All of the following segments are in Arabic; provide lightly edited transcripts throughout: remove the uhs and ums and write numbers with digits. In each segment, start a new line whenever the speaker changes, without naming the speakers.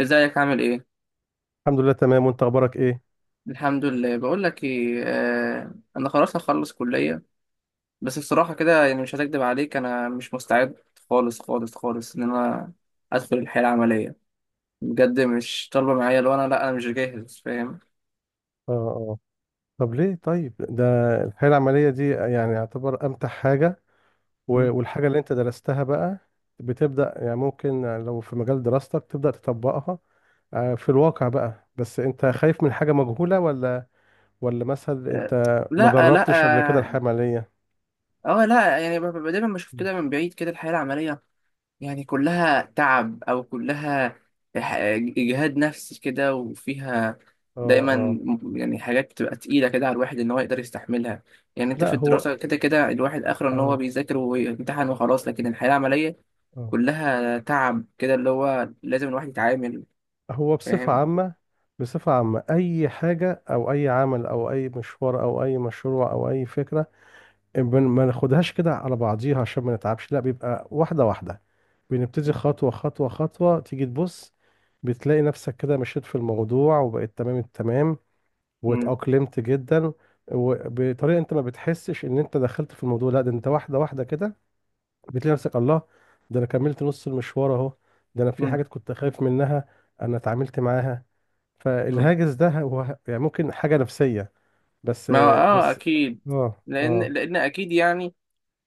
ازيك، عامل ايه؟
الحمد لله تمام، وانت اخبارك ايه؟
الحمد لله. بقول لك ايه، انا خلاص هخلص كليه. بس بصراحه كده، يعني مش هكدب عليك، انا مش مستعد خالص خالص خالص ان انا ادخل الحياه العمليه. بجد مش طالبه معايا. لو انا، لا انا مش جاهز، فاهم؟
اه اه. طب ليه طيب؟ ده الحياة العملية دي يعني يعتبر امتع حاجة،
مم.
والحاجة اللي انت درستها بقى بتبدأ، يعني ممكن لو في مجال دراستك تبدأ تطبقها. في الواقع بقى، بس انت خايف من حاجة مجهولة، ولا ولا مثلا
آه.
انت ما
لا، لا.
جربتش قبل كده
اه.
الحياة العملية؟
لا، يعني دايما بشوف كده من بعيد كده الحياه العمليه، يعني كلها تعب، أو كلها ح- إجهاد نفسي كده، وفيها
اه
دايما
اه.
يعني حاجات بتبقى تقيلة كده على الواحد إن هو يقدر يستحملها. يعني أنت في
لا
الدراسة
هو،
كده كده الواحد آخره إن هو
اه
بيذاكر ويمتحن وخلاص، لكن الحياة العملية
اه.
كلها تعب كده اللي هو لازم الواحد يتعامل،
هو بصفة
فاهم؟
عامة، أي حاجة أو أي عمل أو أي مشوار أو أي مشروع أو أي فكرة، ما ناخدهاش كده على بعضيها عشان ما نتعبش، لا بيبقى واحدة واحدة، بنبتدي خطوة خطوة خطوة، تيجي تبص بتلاقي نفسك كده مشيت في الموضوع وبقيت تمام التمام
مم.
واتأقلمت جدا، وبطريقة انت ما بتحسش ان انت دخلت في الموضوع، لا ده انت واحدة واحدة كده بتلاقي نفسك. الله، ده انا كملت نص المشوار اهو، ده انا في
مم.
حاجات كنت خايف منها انا اتعاملت معاها.
مم.
فالهاجس ده هو يعني ممكن حاجة نفسية بس
ما هو آه،
بس
أكيد.
اه
لأن
اه
لأن أكيد، يعني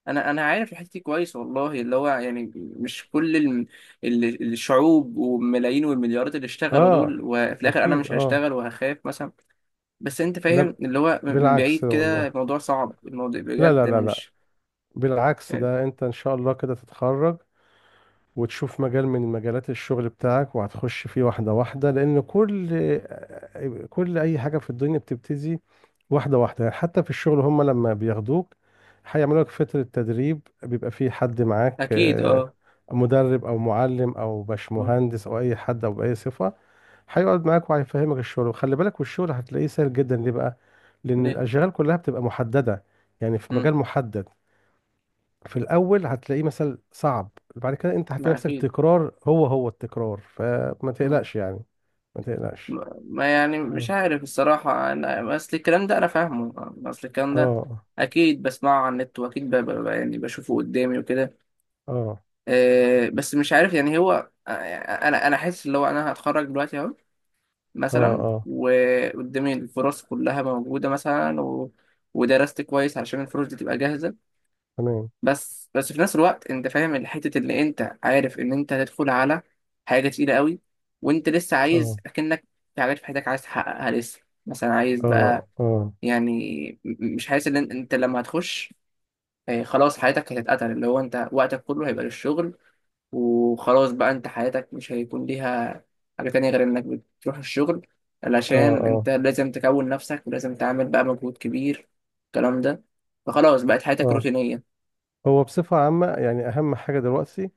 انا عارف الحته دي كويس والله، اللي هو يعني مش كل الشعوب والملايين والمليارات اللي اشتغلوا
اه،
دول، وفي الاخر انا
اكيد
مش
اه.
هشتغل وهخاف مثلا؟ بس انت
لا
فاهم اللي هو، من
بالعكس
بعيد كده
والله،
الموضوع صعب، الموضوع
لا
بجد
لا
انا
لا لا،
مش
بالعكس
يعني.
ده انت ان شاء الله كده تتخرج وتشوف مجال من مجالات الشغل بتاعك وهتخش فيه واحدة واحدة، لان كل اي حاجة في الدنيا بتبتدي واحدة واحدة. يعني حتى في الشغل، هم لما بياخدوك هيعملوا لك فترة تدريب، بيبقى فيه حد معاك،
اكيد. اه.
مدرب او معلم او
مم.
باشمهندس او اي حد او باي صفة، هيقعد معاك وهيفهمك الشغل، وخلي بالك، والشغل هتلاقيه سهل جدا. ليه بقى؟ لان
ليه؟
الاشغال كلها بتبقى محدده، يعني في
مم.
مجال محدد. في الاول هتلاقيه مثلا صعب، بعد كده انت هتلاقي
ما
نفسك
اكيد.
تكرار، هو هو التكرار، فما
مم.
تقلقش يعني، ما تقلقش.
ما يعني، مش
اه
عارف الصراحه، انا اصل الكلام ده انا فاهمه. اصل الكلام ده
اه
اكيد بسمعه على النت، واكيد يعني بشوفه قدامي وكده.
اه
بس مش عارف، يعني هو، يعني انا حاسس اللي هو انا هتخرج دلوقتي اهو
اه
مثلا،
اه،
وقدامي الفرص كلها موجوده مثلا، و... ودرست كويس علشان الفرص دي تبقى جاهزه.
تمام،
بس في نفس الوقت انت فاهم الحته، اللي انت عارف ان انت هتدخل على حاجه تقيله قوي، وانت لسه عايز
اه
اكنك في حاجات في حياتك عايز تحققها لسه. مثلا عايز بقى
اه اه
يعني، مش حاسس ان انت لما هتخش، خلاص حياتك هتتقتل، اللي هو انت وقتك كله هيبقى للشغل، وخلاص بقى انت حياتك مش هيكون ليها حاجة تانية غير انك بتروح الشغل،
اه
علشان
اه
انت لازم تكون نفسك، ولازم تعمل بقى مجهود كبير، الكلام ده، فخلاص بقت حياتك
اه.
روتينية.
هو بصفة عامة يعني أهم حاجة دلوقتي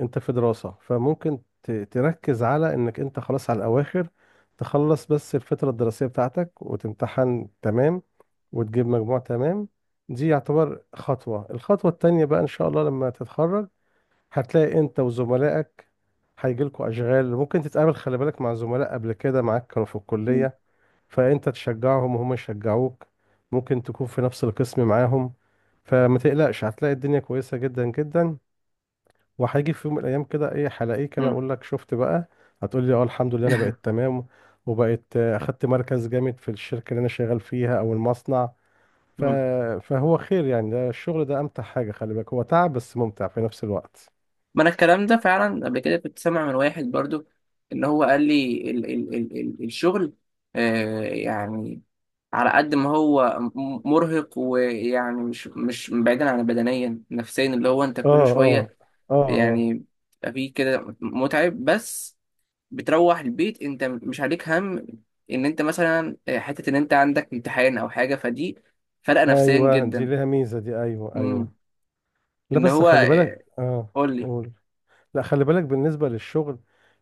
انت في دراسة، فممكن تركز على انك انت خلاص على الاواخر، تخلص بس الفترة الدراسية بتاعتك وتمتحن تمام وتجيب مجموع تمام. دي يعتبر خطوة. الخطوة التانية بقى ان شاء الله لما تتخرج، هتلاقي انت وزملائك هيجيلكوا اشغال، ممكن تتقابل خلي بالك مع زملاء قبل كده معاك كانوا في
مم.
الكلية، فانت تشجعهم وهم يشجعوك، ممكن تكون في نفس القسم معاهم. فما تقلقش، هتلاقي الدنيا كويسة جدا جدا، وهيجي في يوم من الايام كده، ايه، هلاقيك انا
مم.
اقول لك شفت بقى، هتقول لي اه الحمد لله انا بقيت تمام، وبقيت اخدت مركز جامد في الشركه اللي انا شغال فيها او المصنع. ف...
مم.
فهو خير يعني. ده الشغل ده امتع حاجه، خلي بالك، هو تعب بس ممتع في نفس الوقت.
ما انا الكلام ده فعلا قبل كده كنت سامع من واحد برضو، ان هو قال لي ال الشغل، يعني على قد ما هو مرهق، ويعني مش بعيدا عن بدنيا نفسيا، اللي هو انت
اه
كل
اه
شوية
اه اه،
يعني بيبقى فيه كده متعب، بس بتروح البيت انت مش عليك هم ان انت مثلا، حتة ان انت عندك امتحان او حاجة. فدي فرقة نفسيا
ايوه دي
جدا.
ليها ميزه دي، ايوه
مم.
ايوه. لا
ان
بس
هو،
خلي بالك، اه،
قول لي.
قول. لا خلي بالك، بالنسبة للشغل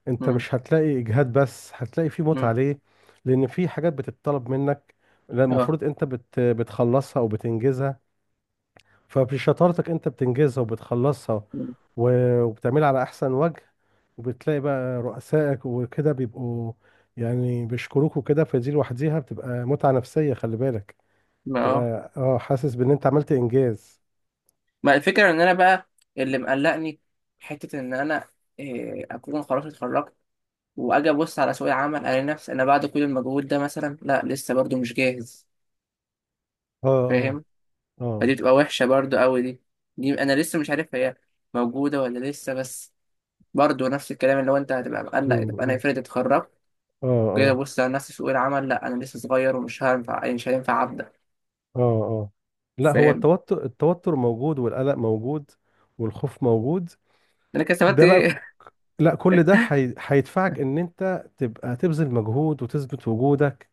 انت
مم.
مش هتلاقي اجهاد، بس هتلاقي فيه متعة.
مم.
ليه؟ لان في حاجات بتتطلب منك، لا
اه.
المفروض انت بتخلصها او بتنجزها، فبشطارتك انت بتنجزها وبتخلصها
مم.
وبتعملها على احسن وجه، وبتلاقي بقى رؤسائك وكده بيبقوا يعني بيشكروك وكده، فدي لوحديها بتبقى متعة نفسية، خلي بالك،
ما اه،
بتبقى حاسس بان انت عملت انجاز.
ما الفكرة، ان انا بقى اللي مقلقني، حتة ان انا، إيه، اكون خلاص اتخرجت، واجي ابص على سوق العمل الاقي نفسي انا بعد كل المجهود ده مثلا، لا لسه برضو مش جاهز،
اه اه
فاهم؟ فدي
اه،
بتبقى وحشة برضو قوي دي. دي أنا لسه مش عارف هي موجودة ولا لسه، بس برضو نفس الكلام، اللي هو أنت هتبقى
مم،
مقلق. طب أنا
مم.
افرض اتخرجت، جاي
اه
أبص على نفسي في سوق العمل، لأ أنا لسه صغير ومش هينفع، مش هينفع أبدأ،
اه اه. لا هو
فاهم؟
التوتر، موجود، والقلق موجود، والخوف موجود.
أنا كده استفدت
ده بقى
إيه؟
لا كل ده هيدفعك ان انت تبقى تبذل مجهود وتثبت وجودك،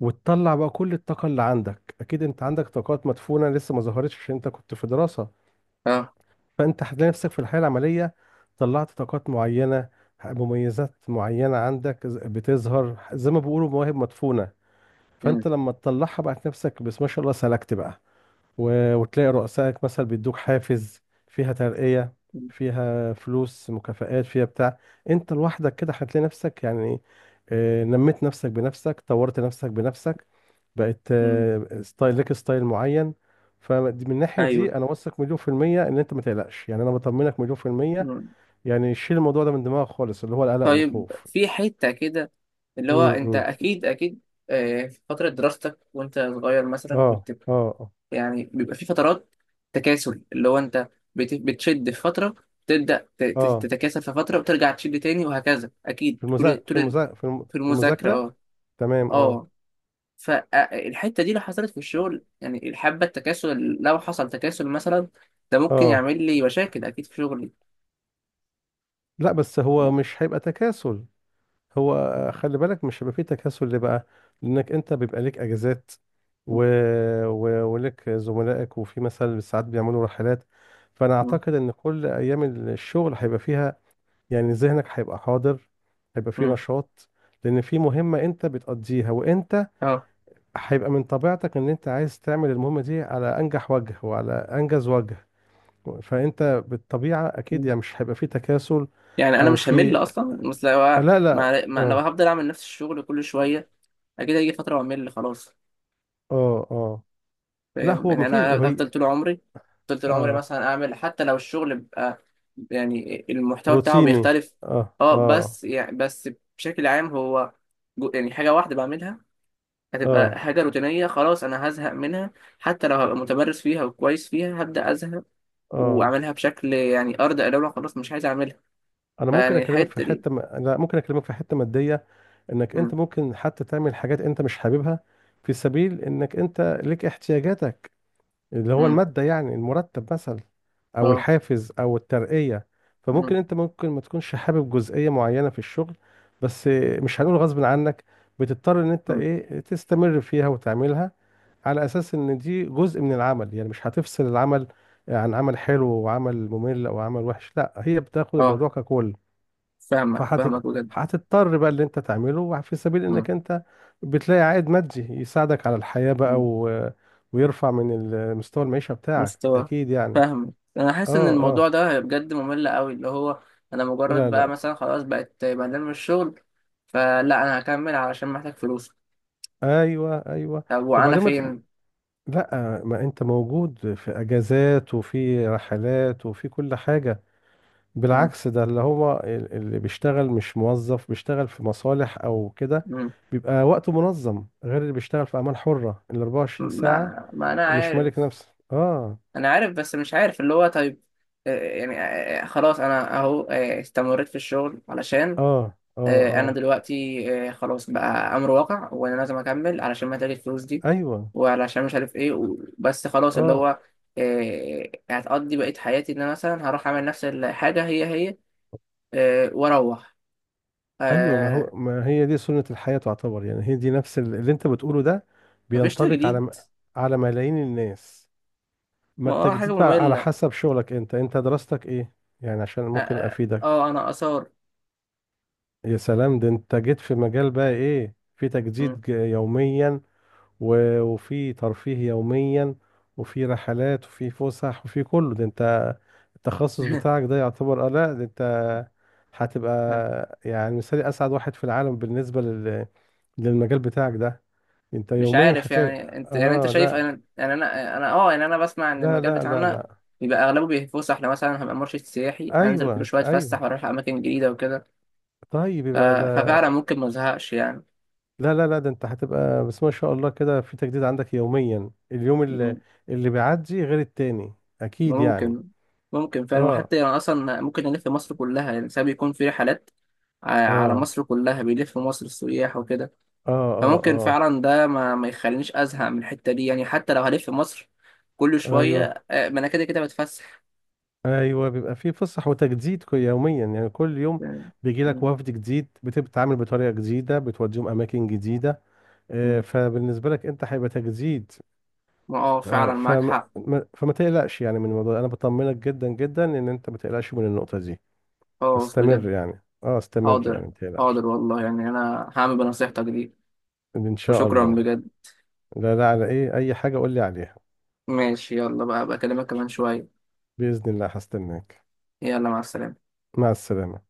وتطلع بقى كل الطاقة اللي عندك. اكيد انت عندك طاقات مدفونة لسه ما ظهرتش عشان انت كنت في دراسة،
أه.
فانت هتلاقي نفسك في الحياة العملية طلعت طاقات معينة، مميزات معينة عندك بتظهر زي ما بيقولوا مواهب مدفونة.
أمم،
فانت لما تطلعها بقى نفسك، بس ما شاء الله سلكت بقى، وتلاقي رؤسائك مثلا بيدوك حافز، فيها ترقية، فيها فلوس، مكافآت، فيها بتاع. انت لوحدك كده هتلاقي نفسك يعني، نميت نفسك بنفسك، طورت نفسك بنفسك، بقت
أمم،
ستايل لك، ستايل معين. فمن الناحية
أيوه.
دي أنا واثق مليون في المية إن أنت ما تقلقش، يعني أنا بطمنك مليون في المية،
أمم.
يعني شيل الموضوع ده من دماغك خالص، اللي هو القلق
طيب
والخوف.
في حتة كده، اللي هو أنت
امم،
أكيد أكيد، في فترة دراستك وأنت صغير
اه
مثلا كنت
اه اه.
يعني بيبقى في فترات تكاسل، اللي هو انت بتشد في فتره، تبدا
آه.
تتكاسل في فتره، وترجع تشد تاني وهكذا اكيد،
في
طول طول في المذاكره،
المذاكرة.
اه.
تمام، اه
اه. فالحته دي لو حصلت في الشغل، يعني الحبه، التكاسل لو حصل تكاسل مثلا، ده ممكن
اه.
يعمل لي مشاكل اكيد في شغلي.
لا بس هو
مم.
مش هيبقى تكاسل، هو خلي بالك مش هيبقى فيه تكاسل. ليه بقى؟ لانك انت بيبقى ليك اجازات، و... ولك زملائك، وفي مثلا ساعات بيعملوا رحلات. فانا اعتقد ان كل ايام الشغل هيبقى فيها، يعني ذهنك هيبقى حاضر، هيبقى فيه
مم.
نشاط، لان في مهمة انت بتقضيها، وانت
اه.
هيبقى من طبيعتك ان انت عايز تعمل المهمة دي على انجح وجه وعلى انجز وجه، فانت بالطبيعة اكيد
مم.
يعني مش هيبقى فيه تكاسل.
يعني انا
او
مش همل
في،
اصلا، بس لو
لا لا.
لو
اه
هفضل اعمل نفس الشغل كل شويه، اكيد هيجي فتره واعمل خلاص،
اه اه. لا
فاهم؟
هو
يعني
مفيش
انا
هي.
افضل طول عمري افضل طول عمري
اه،
مثلا اعمل، حتى لو الشغل بقى يعني المحتوى بتاعه
روتيني،
بيختلف.
اه
اه،
اه
بس يعني، بشكل عام هو، يعني حاجة واحدة بعملها هتبقى
اه
حاجة روتينية، خلاص انا هزهق منها، حتى لو هبقى متمرس فيها وكويس فيها هبدأ ازهق،
اه.
واعملها بشكل يعني ارض، لو خلاص مش عايز اعملها.
انا ممكن
فيعني
اكلمك في
الحتة دي.
حته م... لا ممكن اكلمك في حته ماديه، انك انت
مم.
ممكن حتى تعمل حاجات انت مش حاببها في سبيل انك انت ليك احتياجاتك، اللي هو
مم.
المادة، يعني المرتب مثلا، أو
اه.
الحافز أو الترقية. فممكن
مم.
أنت ممكن ما تكونش حابب جزئية معينة في الشغل، بس، مش هنقول غصب عنك، بتضطر إن أنت
مم.
تستمر فيها وتعملها، على أساس إن دي جزء من العمل. يعني مش هتفصل العمل عن عمل حلو وعمل ممل أو عمل وحش، لا هي بتاخد
اه.
الموضوع ككل.
فاهمك
فهتض...
فاهمك بجد.
هتضطر بقى اللي انت تعمله في سبيل انك
مم.
انت بتلاقي عائد مادي يساعدك على الحياة بقى،
مم.
ويرفع من مستوى المعيشة بتاعك،
مستوى.
اكيد يعني.
فاهمك، انا حاسس ان
اه
الموضوع
اه،
ده بجد ممل قوي، اللي هو انا مجرد
لا
بقى
لا،
مثلا خلاص بقت بعدين من الشغل، فلا انا هكمل علشان محتاج فلوس.
ايوه ايوه.
طب وانا
وبعدين ما ت...
فين؟
لا ما انت موجود في اجازات وفي رحلات وفي كل حاجة.
مم.
بالعكس، ده اللي هو اللي بيشتغل مش موظف بيشتغل في مصالح او كده
مم.
بيبقى وقته منظم، غير اللي بيشتغل في اعمال حرة ال 24 ساعة،
ما انا
مش مالك
عارف.
نفسه، اه.
انا عارف، بس مش عارف اللي هو، طيب آه، يعني خلاص انا اهو، استمريت في الشغل علشان،
اه اه
انا
اه،
دلوقتي خلاص بقى امر واقع، وانا لازم اكمل علشان محتاج الفلوس دي،
ايوه
وعلشان مش عارف ايه بس خلاص اللي
اه.
هو، هتقضي بقية حياتي ان انا مثلا هروح اعمل نفس الحاجة هي هي، واروح،
ايوه ما هو
آه،
ما هي دي سنة الحياة تعتبر، يعني هي دي نفس اللي انت بتقوله ده
مفيش
بينطبق على
تجديد.
على ملايين الناس. ما
ما اه، حاجة
التجديد بقى على
مملة.
حسب شغلك انت، انت دراستك ايه؟ يعني عشان
اه،
ممكن افيدك.
انا اثار.
يا سلام، ده انت جيت في مجال بقى، ايه، في
مم.
تجديد يوميا، وفي ترفيه يوميا، وفي رحلات وفي فسح وفي كله ده. انت التخصص بتاعك ده يعتبر، لا ده انت هتبقى يعني مثالي، اسعد واحد في العالم بالنسبة للمجال بتاعك ده. انت
مش
يوميا
عارف،
هتلاقي،
يعني انت، يعني انت
اه،
شايف،
لا
انا يعني انا اه، يعني انا بسمع ان
لا
المجال
لا لا
بتاعنا
لا،
بيبقى اغلبه بيتفسح، احنا مثلا هبقى مرشد سياحي انزل كل
ايوه
شويه
ايوه.
اتفسح واروح اماكن جديده وكده.
طيب
ف-
يبقى ده،
ففعلا ممكن ما ازهقش يعني.
لا لا لا ده انت هتبقى بس ما شاء الله كده في تجديد عندك يوميا، اليوم اللي
مم.
اللي بيعدي غير التاني، اكيد يعني.
ممكن ممكن فعلا،
اه
وحتى يعني اصلا ممكن الف مصر كلها، يعني ساعات بيكون في رحلات على
اه
مصر كلها، بيلف مصر السياح وكده،
اه
فممكن
اه
فعلا ده ما يخلينيش ازهق من الحته دي، يعني حتى لو هلف مصر كل
اه، ايوه
شويه، ما انا كده كده بتفسح
ايوه. بيبقى فيه فسح وتجديد يوميا يعني كل يوم
يعني.
بيجي لك
مم.
وفد جديد، بتبقى بتتعامل بطريقه جديده، بتوديهم اماكن جديده.
مم.
فبالنسبه لك انت هيبقى تجديد.
ما اه،
آه،
فعلا معاك
فما
حق.
ما- فما تقلقش يعني من الموضوع ده. انا بطمنك جدا جدا ان انت ما تقلقش من النقطه دي.
خلاص بجد.
استمر يعني، اه، استمر
حاضر.
يعني ما تقلقش.
حاضر والله، يعني انا هعمل بنصيحتك دي،
ان شاء
وشكرا
الله.
بجد.
لا لا، على ايه، اي حاجه قول لي عليها.
ماشي، يلا بقى، بكلمك كمان شويه.
باذن الله هستناك.
يلا، مع السلامه.
مع السلامه.